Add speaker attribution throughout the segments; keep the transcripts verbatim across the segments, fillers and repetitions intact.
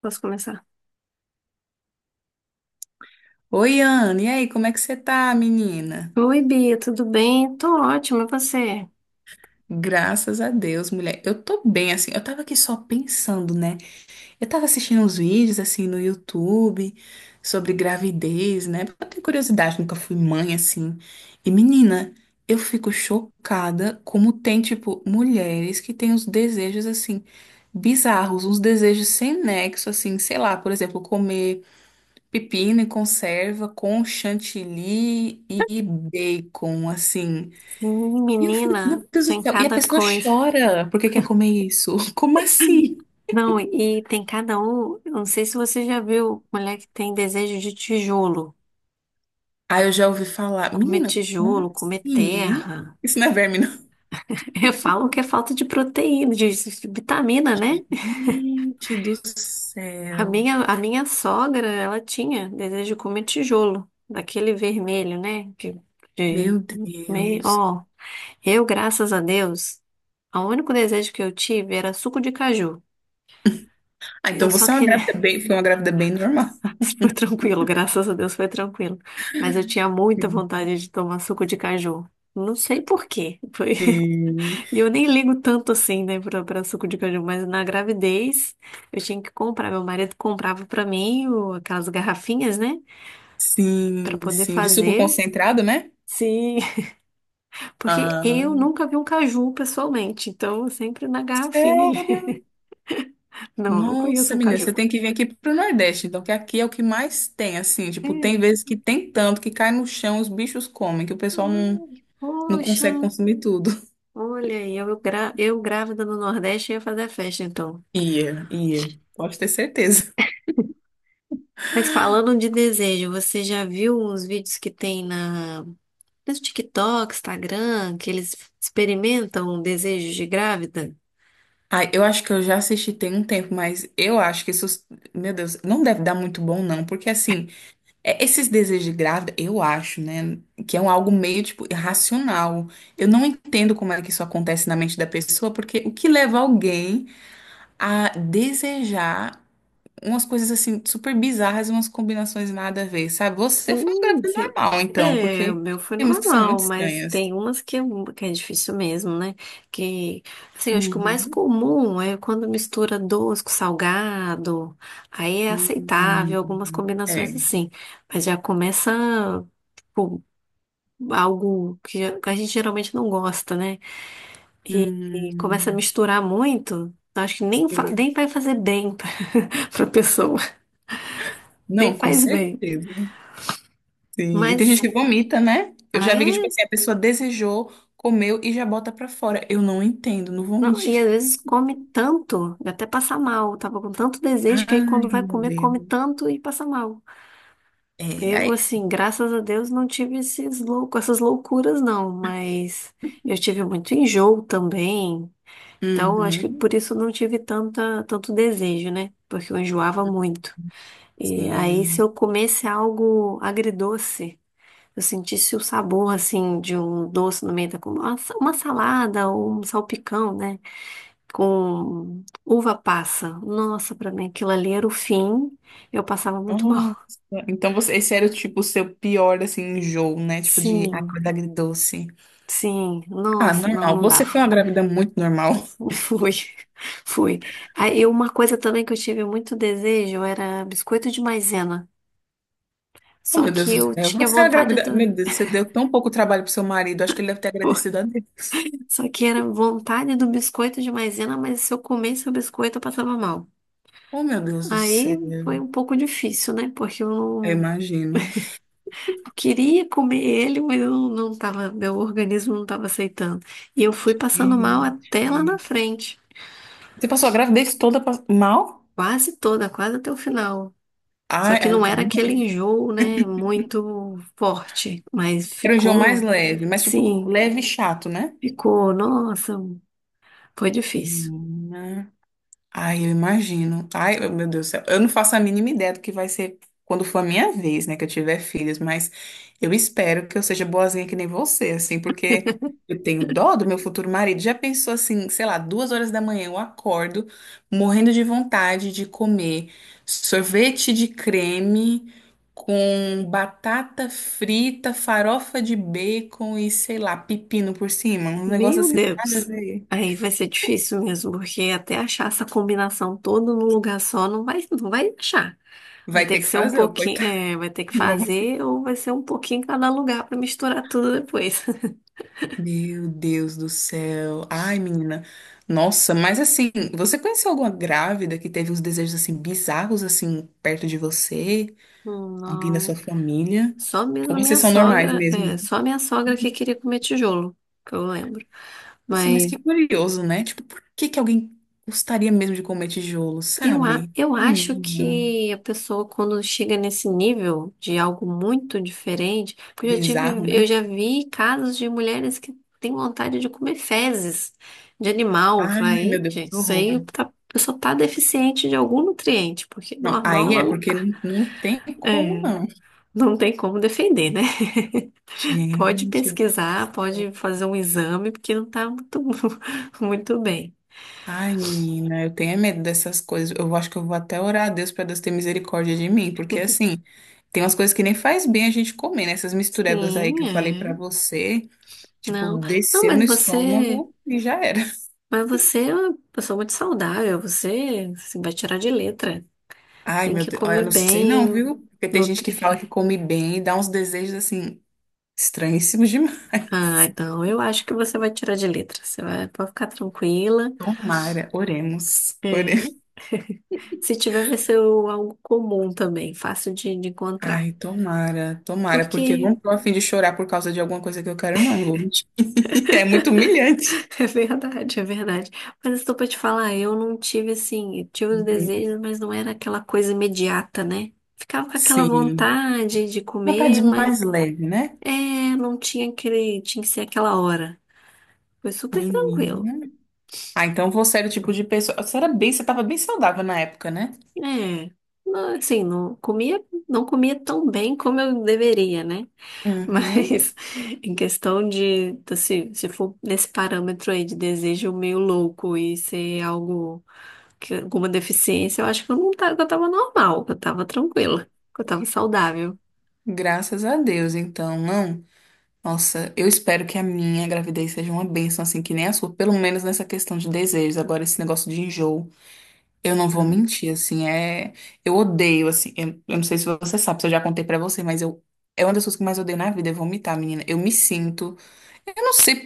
Speaker 1: Posso começar?
Speaker 2: Oi, Ana, e aí, como é que você tá, menina?
Speaker 1: Oi, Bia, tudo bem? Tô ótima, e você?
Speaker 2: Graças a Deus, mulher. Eu tô bem, assim. Eu tava aqui só pensando, né? Eu tava assistindo uns vídeos, assim, no YouTube sobre gravidez, né? Porque eu tenho curiosidade, nunca fui mãe, assim. E, menina, eu fico chocada como tem, tipo, mulheres que têm uns desejos, assim, bizarros, uns desejos sem nexo, assim, sei lá, por exemplo, comer pepino e conserva com chantilly e bacon, assim.
Speaker 1: Sim,
Speaker 2: E eu fico, meu
Speaker 1: menina,
Speaker 2: Deus do
Speaker 1: tem
Speaker 2: céu. E a
Speaker 1: cada
Speaker 2: pessoa
Speaker 1: coisa.
Speaker 2: chora porque quer comer isso. Como assim?
Speaker 1: Não, e tem cada um. Eu Não sei se você já viu mulher que tem desejo de tijolo.
Speaker 2: Aí eu já ouvi falar,
Speaker 1: Comer
Speaker 2: menina, como
Speaker 1: tijolo, comer
Speaker 2: assim? Hein?
Speaker 1: terra.
Speaker 2: Isso não é verme, não.
Speaker 1: Falam que é falta de proteína, de vitamina, né?
Speaker 2: Gente do
Speaker 1: A
Speaker 2: céu.
Speaker 1: minha, a minha sogra, ela tinha desejo de comer tijolo, daquele vermelho, né? Que, de,
Speaker 2: Meu
Speaker 1: meio,
Speaker 2: Deus.
Speaker 1: ó. Eu, graças a Deus, o único desejo que eu tive era suco de caju.
Speaker 2: Ah, então
Speaker 1: Eu só
Speaker 2: você é uma
Speaker 1: queria.
Speaker 2: grávida bem, foi uma grávida bem normal.
Speaker 1: Foi tranquilo, graças a Deus foi tranquilo. Mas eu tinha muita vontade de tomar suco de caju. Não sei por quê. Foi-
Speaker 2: Sim,
Speaker 1: E eu nem ligo tanto assim, né, pra, pra suco de caju. Mas na gravidez, eu tinha que comprar. Meu marido comprava pra mim o- aquelas garrafinhas, né, pra
Speaker 2: sim,
Speaker 1: poder
Speaker 2: sim. De suco
Speaker 1: fazer.
Speaker 2: concentrado, né?
Speaker 1: Sim, porque eu
Speaker 2: Ah.
Speaker 1: nunca vi um caju pessoalmente. Então, sempre na garrafinha ali. Não, não
Speaker 2: Nossa,
Speaker 1: conheço um
Speaker 2: menina,
Speaker 1: caju.
Speaker 2: você tem que vir aqui pro Nordeste, então, que aqui é o que mais tem, assim, tipo, tem
Speaker 1: É.
Speaker 2: vezes que tem tanto que cai no chão, os bichos comem, que o pessoal não,
Speaker 1: Ai,
Speaker 2: não
Speaker 1: poxa,
Speaker 2: consegue consumir tudo.
Speaker 1: olha aí, eu, gra- eu grávida no Nordeste ia fazer a festa então.
Speaker 2: Ia, ia, pode ter certeza.
Speaker 1: Mas falando de desejo, você já viu uns vídeos que tem na, no TikTok, Instagram, que eles experimentam desejos de grávida?
Speaker 2: Ai, eu acho que eu já assisti tem um tempo, mas eu acho que isso, meu Deus, não deve dar muito bom, não, porque, assim, é- esses desejos de grávida, eu acho, né, que é um algo meio, tipo, irracional. Eu não entendo como é que isso acontece na mente da pessoa, porque o que leva alguém a desejar umas coisas assim super bizarras, umas combinações nada a ver, sabe? Você foi um
Speaker 1: Sim,
Speaker 2: grávida
Speaker 1: sim.
Speaker 2: normal, então,
Speaker 1: É, o
Speaker 2: porque
Speaker 1: meu foi
Speaker 2: tem umas que são muito
Speaker 1: normal, mas
Speaker 2: estranhas.
Speaker 1: tem umas que é, um, que é difícil mesmo, né? Que, assim, eu acho que o mais
Speaker 2: Uhum.
Speaker 1: comum é quando mistura doce com salgado, aí é aceitável, algumas
Speaker 2: Hum,
Speaker 1: combinações
Speaker 2: é.
Speaker 1: assim. Mas já começa, tipo, algo que a gente geralmente não gosta, né? E, e começa a
Speaker 2: Hum,
Speaker 1: misturar muito, eu acho que nem, fa-
Speaker 2: sim.
Speaker 1: nem vai fazer bem pra, pra pessoa, nem
Speaker 2: Não, com
Speaker 1: faz bem.
Speaker 2: certeza. Sim. E
Speaker 1: Mas,
Speaker 2: tem gente que
Speaker 1: sim,
Speaker 2: vomita, né? Eu
Speaker 1: ah,
Speaker 2: já vi que, tipo
Speaker 1: é?
Speaker 2: assim, a pessoa desejou, comeu e já bota pra fora. Eu não entendo, não vou
Speaker 1: Não, e às
Speaker 2: mentir.
Speaker 1: vezes come tanto, dá até passa mal. Tava com tanto desejo que aí
Speaker 2: Ai,
Speaker 1: quando vai
Speaker 2: meu
Speaker 1: comer, come
Speaker 2: Deus.
Speaker 1: tanto e passa mal.
Speaker 2: É,
Speaker 1: Eu,
Speaker 2: aí.
Speaker 1: assim, graças a Deus não tive esses louco, essas loucuras, não, mas eu tive muito enjoo também. Então, acho que
Speaker 2: Uhum,
Speaker 1: por isso eu não tive tanta, tanto desejo, né? Porque eu enjoava muito. E aí, se
Speaker 2: sim.
Speaker 1: eu comesse algo agridoce, eu sentisse o sabor, assim, de um doce no meio da... comida. Uma sa- uma salada ou um salpicão, né, com uva passa. Nossa, pra mim aquilo ali era o fim. Eu passava muito
Speaker 2: Nossa,
Speaker 1: mal.
Speaker 2: então você, esse era tipo o seu pior assim enjoo, né? Tipo de
Speaker 1: Sim,
Speaker 2: acordar agridoce.
Speaker 1: sim.
Speaker 2: Ah,
Speaker 1: Nossa, não,
Speaker 2: normal.
Speaker 1: não
Speaker 2: Você
Speaker 1: dava.
Speaker 2: foi uma grávida muito normal.
Speaker 1: Fui, fui. Aí uma coisa também que eu tive muito desejo era biscoito de maisena.
Speaker 2: Oh,
Speaker 1: Só
Speaker 2: meu Deus
Speaker 1: que
Speaker 2: do
Speaker 1: eu
Speaker 2: céu.
Speaker 1: tinha
Speaker 2: Você é a
Speaker 1: vontade
Speaker 2: grávida. Meu
Speaker 1: do.
Speaker 2: Deus, você deu tão pouco trabalho pro seu marido. Acho que ele deve ter agradecido a Deus.
Speaker 1: Só que era vontade do biscoito de maisena, mas se eu comesse o biscoito eu passava mal.
Speaker 2: Oh, meu Deus do
Speaker 1: Aí
Speaker 2: céu.
Speaker 1: foi um pouco difícil, né? Porque eu
Speaker 2: Eu
Speaker 1: não.
Speaker 2: imagino.
Speaker 1: Eu queria comer ele, mas eu não tava, meu organismo não estava aceitando. E eu fui passando mal até lá na
Speaker 2: Gente.
Speaker 1: frente,
Speaker 2: Você passou a gravidez toda pa- mal?
Speaker 1: quase toda, quase até o final. Só
Speaker 2: Ai,
Speaker 1: que
Speaker 2: ai, não
Speaker 1: não
Speaker 2: quero
Speaker 1: era aquele
Speaker 2: não.
Speaker 1: enjoo, né, muito forte, mas
Speaker 2: Era o enjoo mais
Speaker 1: ficou,
Speaker 2: leve, mas tipo,
Speaker 1: sim,
Speaker 2: leve e chato, né?
Speaker 1: ficou, nossa, foi difícil.
Speaker 2: Hum, ai, eu imagino. Ai, eu- meu Deus do céu. Eu não faço a mínima ideia do que vai ser quando for a minha vez, né, que eu tiver filhos, mas eu espero que eu seja boazinha que nem você, assim, porque eu tenho dó do meu futuro marido. Já pensou assim, sei lá, duas horas da manhã eu acordo morrendo de vontade de comer sorvete de creme com batata frita, farofa de bacon e, sei lá, pepino por cima. Um negócio
Speaker 1: Meu
Speaker 2: assim, nada a
Speaker 1: Deus.
Speaker 2: ver.
Speaker 1: Aí vai ser difícil mesmo, porque até achar essa combinação toda num lugar só não vai, não vai achar. Vai
Speaker 2: Vai
Speaker 1: ter
Speaker 2: ter
Speaker 1: que
Speaker 2: que
Speaker 1: ser um
Speaker 2: fazer, ô,
Speaker 1: pouquinho,
Speaker 2: coitado.
Speaker 1: é, vai ter que fazer ou vai ser um pouquinho em cada lugar para misturar tudo depois.
Speaker 2: Meu Deus do céu. Ai, menina. Nossa, mas assim, você conheceu alguma grávida que teve uns desejos assim bizarros assim perto de você?
Speaker 1: Hum,
Speaker 2: Alguém da sua
Speaker 1: não,
Speaker 2: família?
Speaker 1: só mesmo
Speaker 2: Ou
Speaker 1: a
Speaker 2: vocês
Speaker 1: minha
Speaker 2: são normais
Speaker 1: sogra, é,
Speaker 2: mesmo?
Speaker 1: só a minha sogra que queria comer tijolo, que eu lembro.
Speaker 2: Nossa, mas
Speaker 1: Mas
Speaker 2: que curioso, né? Tipo, por que que alguém gostaria mesmo de comer tijolo,
Speaker 1: eu, a-
Speaker 2: sabe?
Speaker 1: eu acho
Speaker 2: Menina,
Speaker 1: que a pessoa, quando chega nesse nível de algo muito diferente, porque eu já tive,
Speaker 2: bizarro,
Speaker 1: eu
Speaker 2: né?
Speaker 1: já vi casos de mulheres que têm vontade de comer fezes de animal.
Speaker 2: Ai, meu
Speaker 1: Vai,
Speaker 2: Deus,
Speaker 1: gente,
Speaker 2: que
Speaker 1: isso aí
Speaker 2: horror.
Speaker 1: tá- a pessoa tá deficiente de algum nutriente, porque
Speaker 2: Não,
Speaker 1: normal
Speaker 2: aí é
Speaker 1: ela não
Speaker 2: porque
Speaker 1: tá.
Speaker 2: não, não tem como
Speaker 1: É,
Speaker 2: não.
Speaker 1: não tem como defender, né? Pode
Speaker 2: Gente.
Speaker 1: pesquisar, pode fazer um exame, porque não tá muito, muito bem.
Speaker 2: Ai, menina, eu tenho é medo dessas coisas. Eu acho que eu vou até orar a Deus para Deus ter misericórdia de mim, porque assim, tem umas coisas que nem faz bem a gente comer, né? Essas misturebas aí que
Speaker 1: Sim,
Speaker 2: eu falei para
Speaker 1: é.
Speaker 2: você, tipo,
Speaker 1: Não. Não,
Speaker 2: desceu no
Speaker 1: mas você.
Speaker 2: estômago e já era.
Speaker 1: Mas você é uma pessoa muito saudável, você assim, vai tirar de letra.
Speaker 2: Ai,
Speaker 1: Tem
Speaker 2: meu
Speaker 1: que
Speaker 2: Deus, olha, eu
Speaker 1: comer
Speaker 2: não sei não,
Speaker 1: bem,
Speaker 2: viu? Porque tem gente que
Speaker 1: nutrir.
Speaker 2: fala que come bem e dá uns desejos assim estranhíssimos
Speaker 1: Ah,
Speaker 2: demais.
Speaker 1: então eu acho que você vai tirar de letra. Você vai, pode ficar tranquila.
Speaker 2: Tomara, oremos.
Speaker 1: É.
Speaker 2: Oremos.
Speaker 1: Se tiver, vai ser o- algo comum também, fácil de, de encontrar.
Speaker 2: Ai, tomara, tomara, porque eu não
Speaker 1: Porque
Speaker 2: tô a fim de chorar por causa de alguma coisa que eu quero, não, Lute. É muito humilhante.
Speaker 1: é verdade, é verdade. Mas estou para te falar, eu não tive assim, eu tive os
Speaker 2: Uhum.
Speaker 1: desejos, mas não era aquela coisa imediata, né? Ficava com aquela
Speaker 2: Sim.
Speaker 1: vontade de
Speaker 2: Vontade
Speaker 1: comer, mas
Speaker 2: mais leve, né?
Speaker 1: é, não tinha aquele, tinha que ser aquela hora. Foi super tranquilo.
Speaker 2: Menina. Ah, então você era o tipo de pessoa. Você era bem, você tava bem saudável na época, né?
Speaker 1: É, não, assim, não comia, não comia tão bem como eu deveria, né?
Speaker 2: Uhum.
Speaker 1: Mas em questão de, assim, se for nesse parâmetro aí de desejo meio louco e ser algo, que, alguma deficiência, eu acho que eu não tava, que eu tava normal, que eu tava tranquila, que eu tava saudável.
Speaker 2: Graças a Deus, então, não. Nossa, eu espero que a minha gravidez seja uma bênção, assim, que nem a sua, pelo menos nessa questão de desejos. Agora, esse negócio de enjoo. Eu não vou mentir, assim, é. Eu odeio, assim, eu, eu não sei se você sabe, se eu já contei pra você, mas eu. É uma das coisas que eu mais odeio na vida, é vomitar, menina. Eu me sinto. Eu não sei,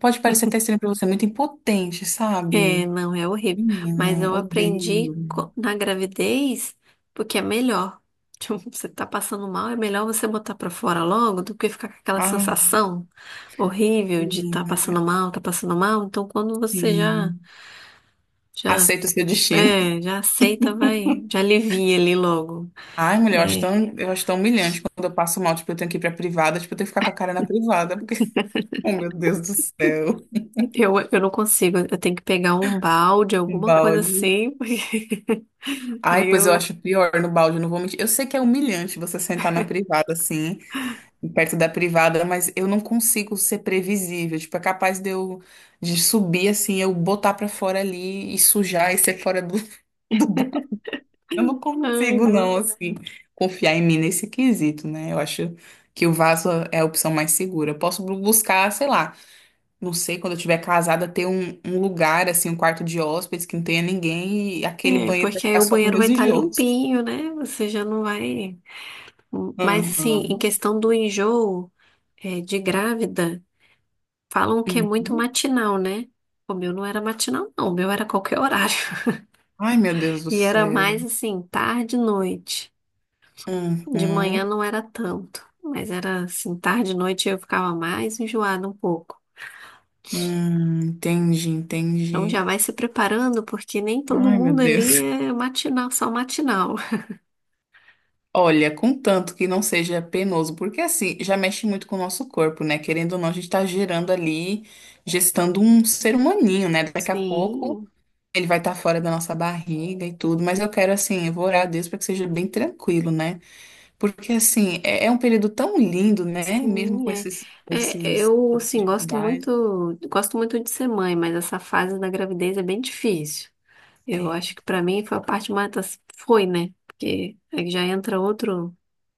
Speaker 2: pode parecer até estranho pra você, muito impotente,
Speaker 1: É,
Speaker 2: sabe?
Speaker 1: não, é horrível. Mas
Speaker 2: Menina,
Speaker 1: eu
Speaker 2: odeio.
Speaker 1: aprendi co- na gravidez porque é melhor. Tipo, você tá passando mal, é melhor você botar pra fora logo do que ficar com aquela
Speaker 2: Ai,
Speaker 1: sensação horrível de tá
Speaker 2: menina,
Speaker 1: passando mal, tá passando mal. Então, quando você já,
Speaker 2: sim.
Speaker 1: já,
Speaker 2: Aceito o seu destino.
Speaker 1: é, já aceita, vai, já alivia ali logo.
Speaker 2: Ai, mulher, eu acho
Speaker 1: É,
Speaker 2: tão, eu acho tão humilhante quando eu passo mal, tipo, eu tenho que ir pra privada, tipo, eu tenho que ficar com a cara na privada, porque, oh, meu Deus do céu,
Speaker 1: eu, eu não consigo, eu tenho que pegar um balde,
Speaker 2: um
Speaker 1: alguma coisa
Speaker 2: balde.
Speaker 1: assim, porque
Speaker 2: Ai,
Speaker 1: aí
Speaker 2: pois eu
Speaker 1: eu,
Speaker 2: acho pior no balde, não vou mentir. Eu sei que é humilhante você sentar na privada assim, perto da privada, mas eu não consigo ser previsível. Tipo, é capaz de eu de subir assim, eu botar pra fora ali e sujar e ser fora do, do balde. Eu não
Speaker 1: ai,
Speaker 2: consigo, não,
Speaker 1: não.
Speaker 2: assim, confiar em mim nesse quesito, né? Eu acho que o vaso é a opção mais segura. Eu posso bu- buscar, sei lá, não sei, quando eu estiver casada, ter um, um lugar, assim, um quarto de hóspedes que não tenha ninguém e aquele
Speaker 1: É,
Speaker 2: banheiro vai
Speaker 1: porque aí
Speaker 2: ficar
Speaker 1: o
Speaker 2: só para
Speaker 1: banheiro vai
Speaker 2: meus
Speaker 1: estar
Speaker 2: enjoos.
Speaker 1: limpinho, né? Você já não vai. Mas, assim, em
Speaker 2: Uhum,
Speaker 1: questão do enjoo, é, de grávida, falam que é muito
Speaker 2: uhum.
Speaker 1: matinal, né? O meu não era matinal, não. O meu era qualquer horário.
Speaker 2: Ai, meu Deus do
Speaker 1: E era
Speaker 2: céu.
Speaker 1: mais, assim, tarde e noite. De manhã
Speaker 2: Uhum.
Speaker 1: não era tanto. Mas era, assim, tarde e noite eu ficava mais enjoada um pouco.
Speaker 2: Hum, entendi,
Speaker 1: Então
Speaker 2: entendi.
Speaker 1: já vai se preparando, porque nem todo
Speaker 2: Ai, meu
Speaker 1: mundo ali
Speaker 2: Deus.
Speaker 1: é matinal, só matinal.
Speaker 2: Olha, contanto que não seja penoso, porque assim, já mexe muito com o nosso corpo, né? Querendo ou não, a gente tá gerando ali, gestando um ser humaninho, né? Daqui a pouco
Speaker 1: Sim.
Speaker 2: ele vai estar fora da nossa barriga e tudo, mas eu quero, assim, eu vou orar a Deus para que seja bem tranquilo, né? Porque, assim, é, é um período tão lindo, né? Mesmo
Speaker 1: Sim,
Speaker 2: com
Speaker 1: é.
Speaker 2: esses,
Speaker 1: É,
Speaker 2: esses
Speaker 1: eu, assim, gosto
Speaker 2: dificuldades.
Speaker 1: muito, gosto muito de ser mãe, mas essa fase da gravidez é bem difícil. Eu acho
Speaker 2: É.
Speaker 1: que pra mim foi a parte mais, assim, foi, né? Porque aí já entra outro,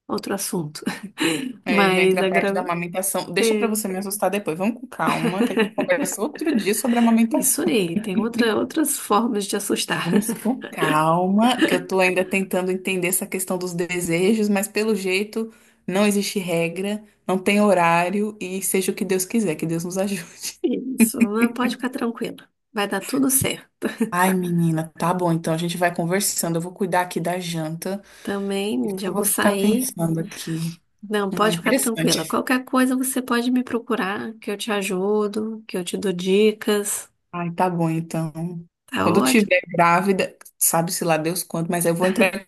Speaker 1: outro assunto.
Speaker 2: É, já
Speaker 1: Mas
Speaker 2: entra a
Speaker 1: a
Speaker 2: parte da
Speaker 1: gravidez,
Speaker 2: amamentação. Deixa pra
Speaker 1: é,
Speaker 2: você me assustar depois. Vamos com calma, que a gente conversa outro dia sobre a
Speaker 1: isso
Speaker 2: amamentação.
Speaker 1: aí, tem outra, outras formas de assustar.
Speaker 2: Vamos com calma, que eu tô ainda tentando entender essa questão dos desejos, mas pelo jeito não existe regra, não tem horário e seja o que Deus quiser, que Deus nos ajude.
Speaker 1: Isso, mas pode ficar tranquila. Vai dar tudo certo.
Speaker 2: Ai, menina, tá bom, então a gente vai conversando. Eu vou cuidar aqui da janta.
Speaker 1: Também já
Speaker 2: Eu vou
Speaker 1: vou
Speaker 2: ficar
Speaker 1: sair.
Speaker 2: pensando aqui.
Speaker 1: Não,
Speaker 2: Ah,
Speaker 1: pode ficar tranquila.
Speaker 2: interessante.
Speaker 1: Qualquer coisa você pode me procurar, que eu te ajudo, que eu te dou dicas.
Speaker 2: Ai, tá bom, então.
Speaker 1: Tá
Speaker 2: Quando eu
Speaker 1: ótimo.
Speaker 2: tiver grávida, sabe-se lá Deus quando, mas eu vou entrar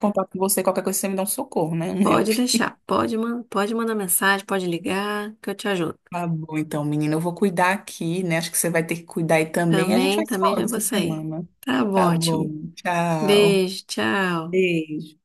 Speaker 2: contato com você, qualquer coisa você me dá um socorro, né? Um help.
Speaker 1: Pode deixar. Pode, man pode mandar mensagem, pode ligar, que eu te ajudo.
Speaker 2: Tá bom, então, menina, eu vou cuidar aqui, né? Acho que você vai ter que cuidar aí também. A gente vai
Speaker 1: Também,
Speaker 2: se
Speaker 1: também
Speaker 2: falando
Speaker 1: já vou
Speaker 2: essa
Speaker 1: sair.
Speaker 2: semana.
Speaker 1: Tá
Speaker 2: Tá bom,
Speaker 1: ótimo.
Speaker 2: tchau.
Speaker 1: Beijo, tchau.
Speaker 2: Beijo.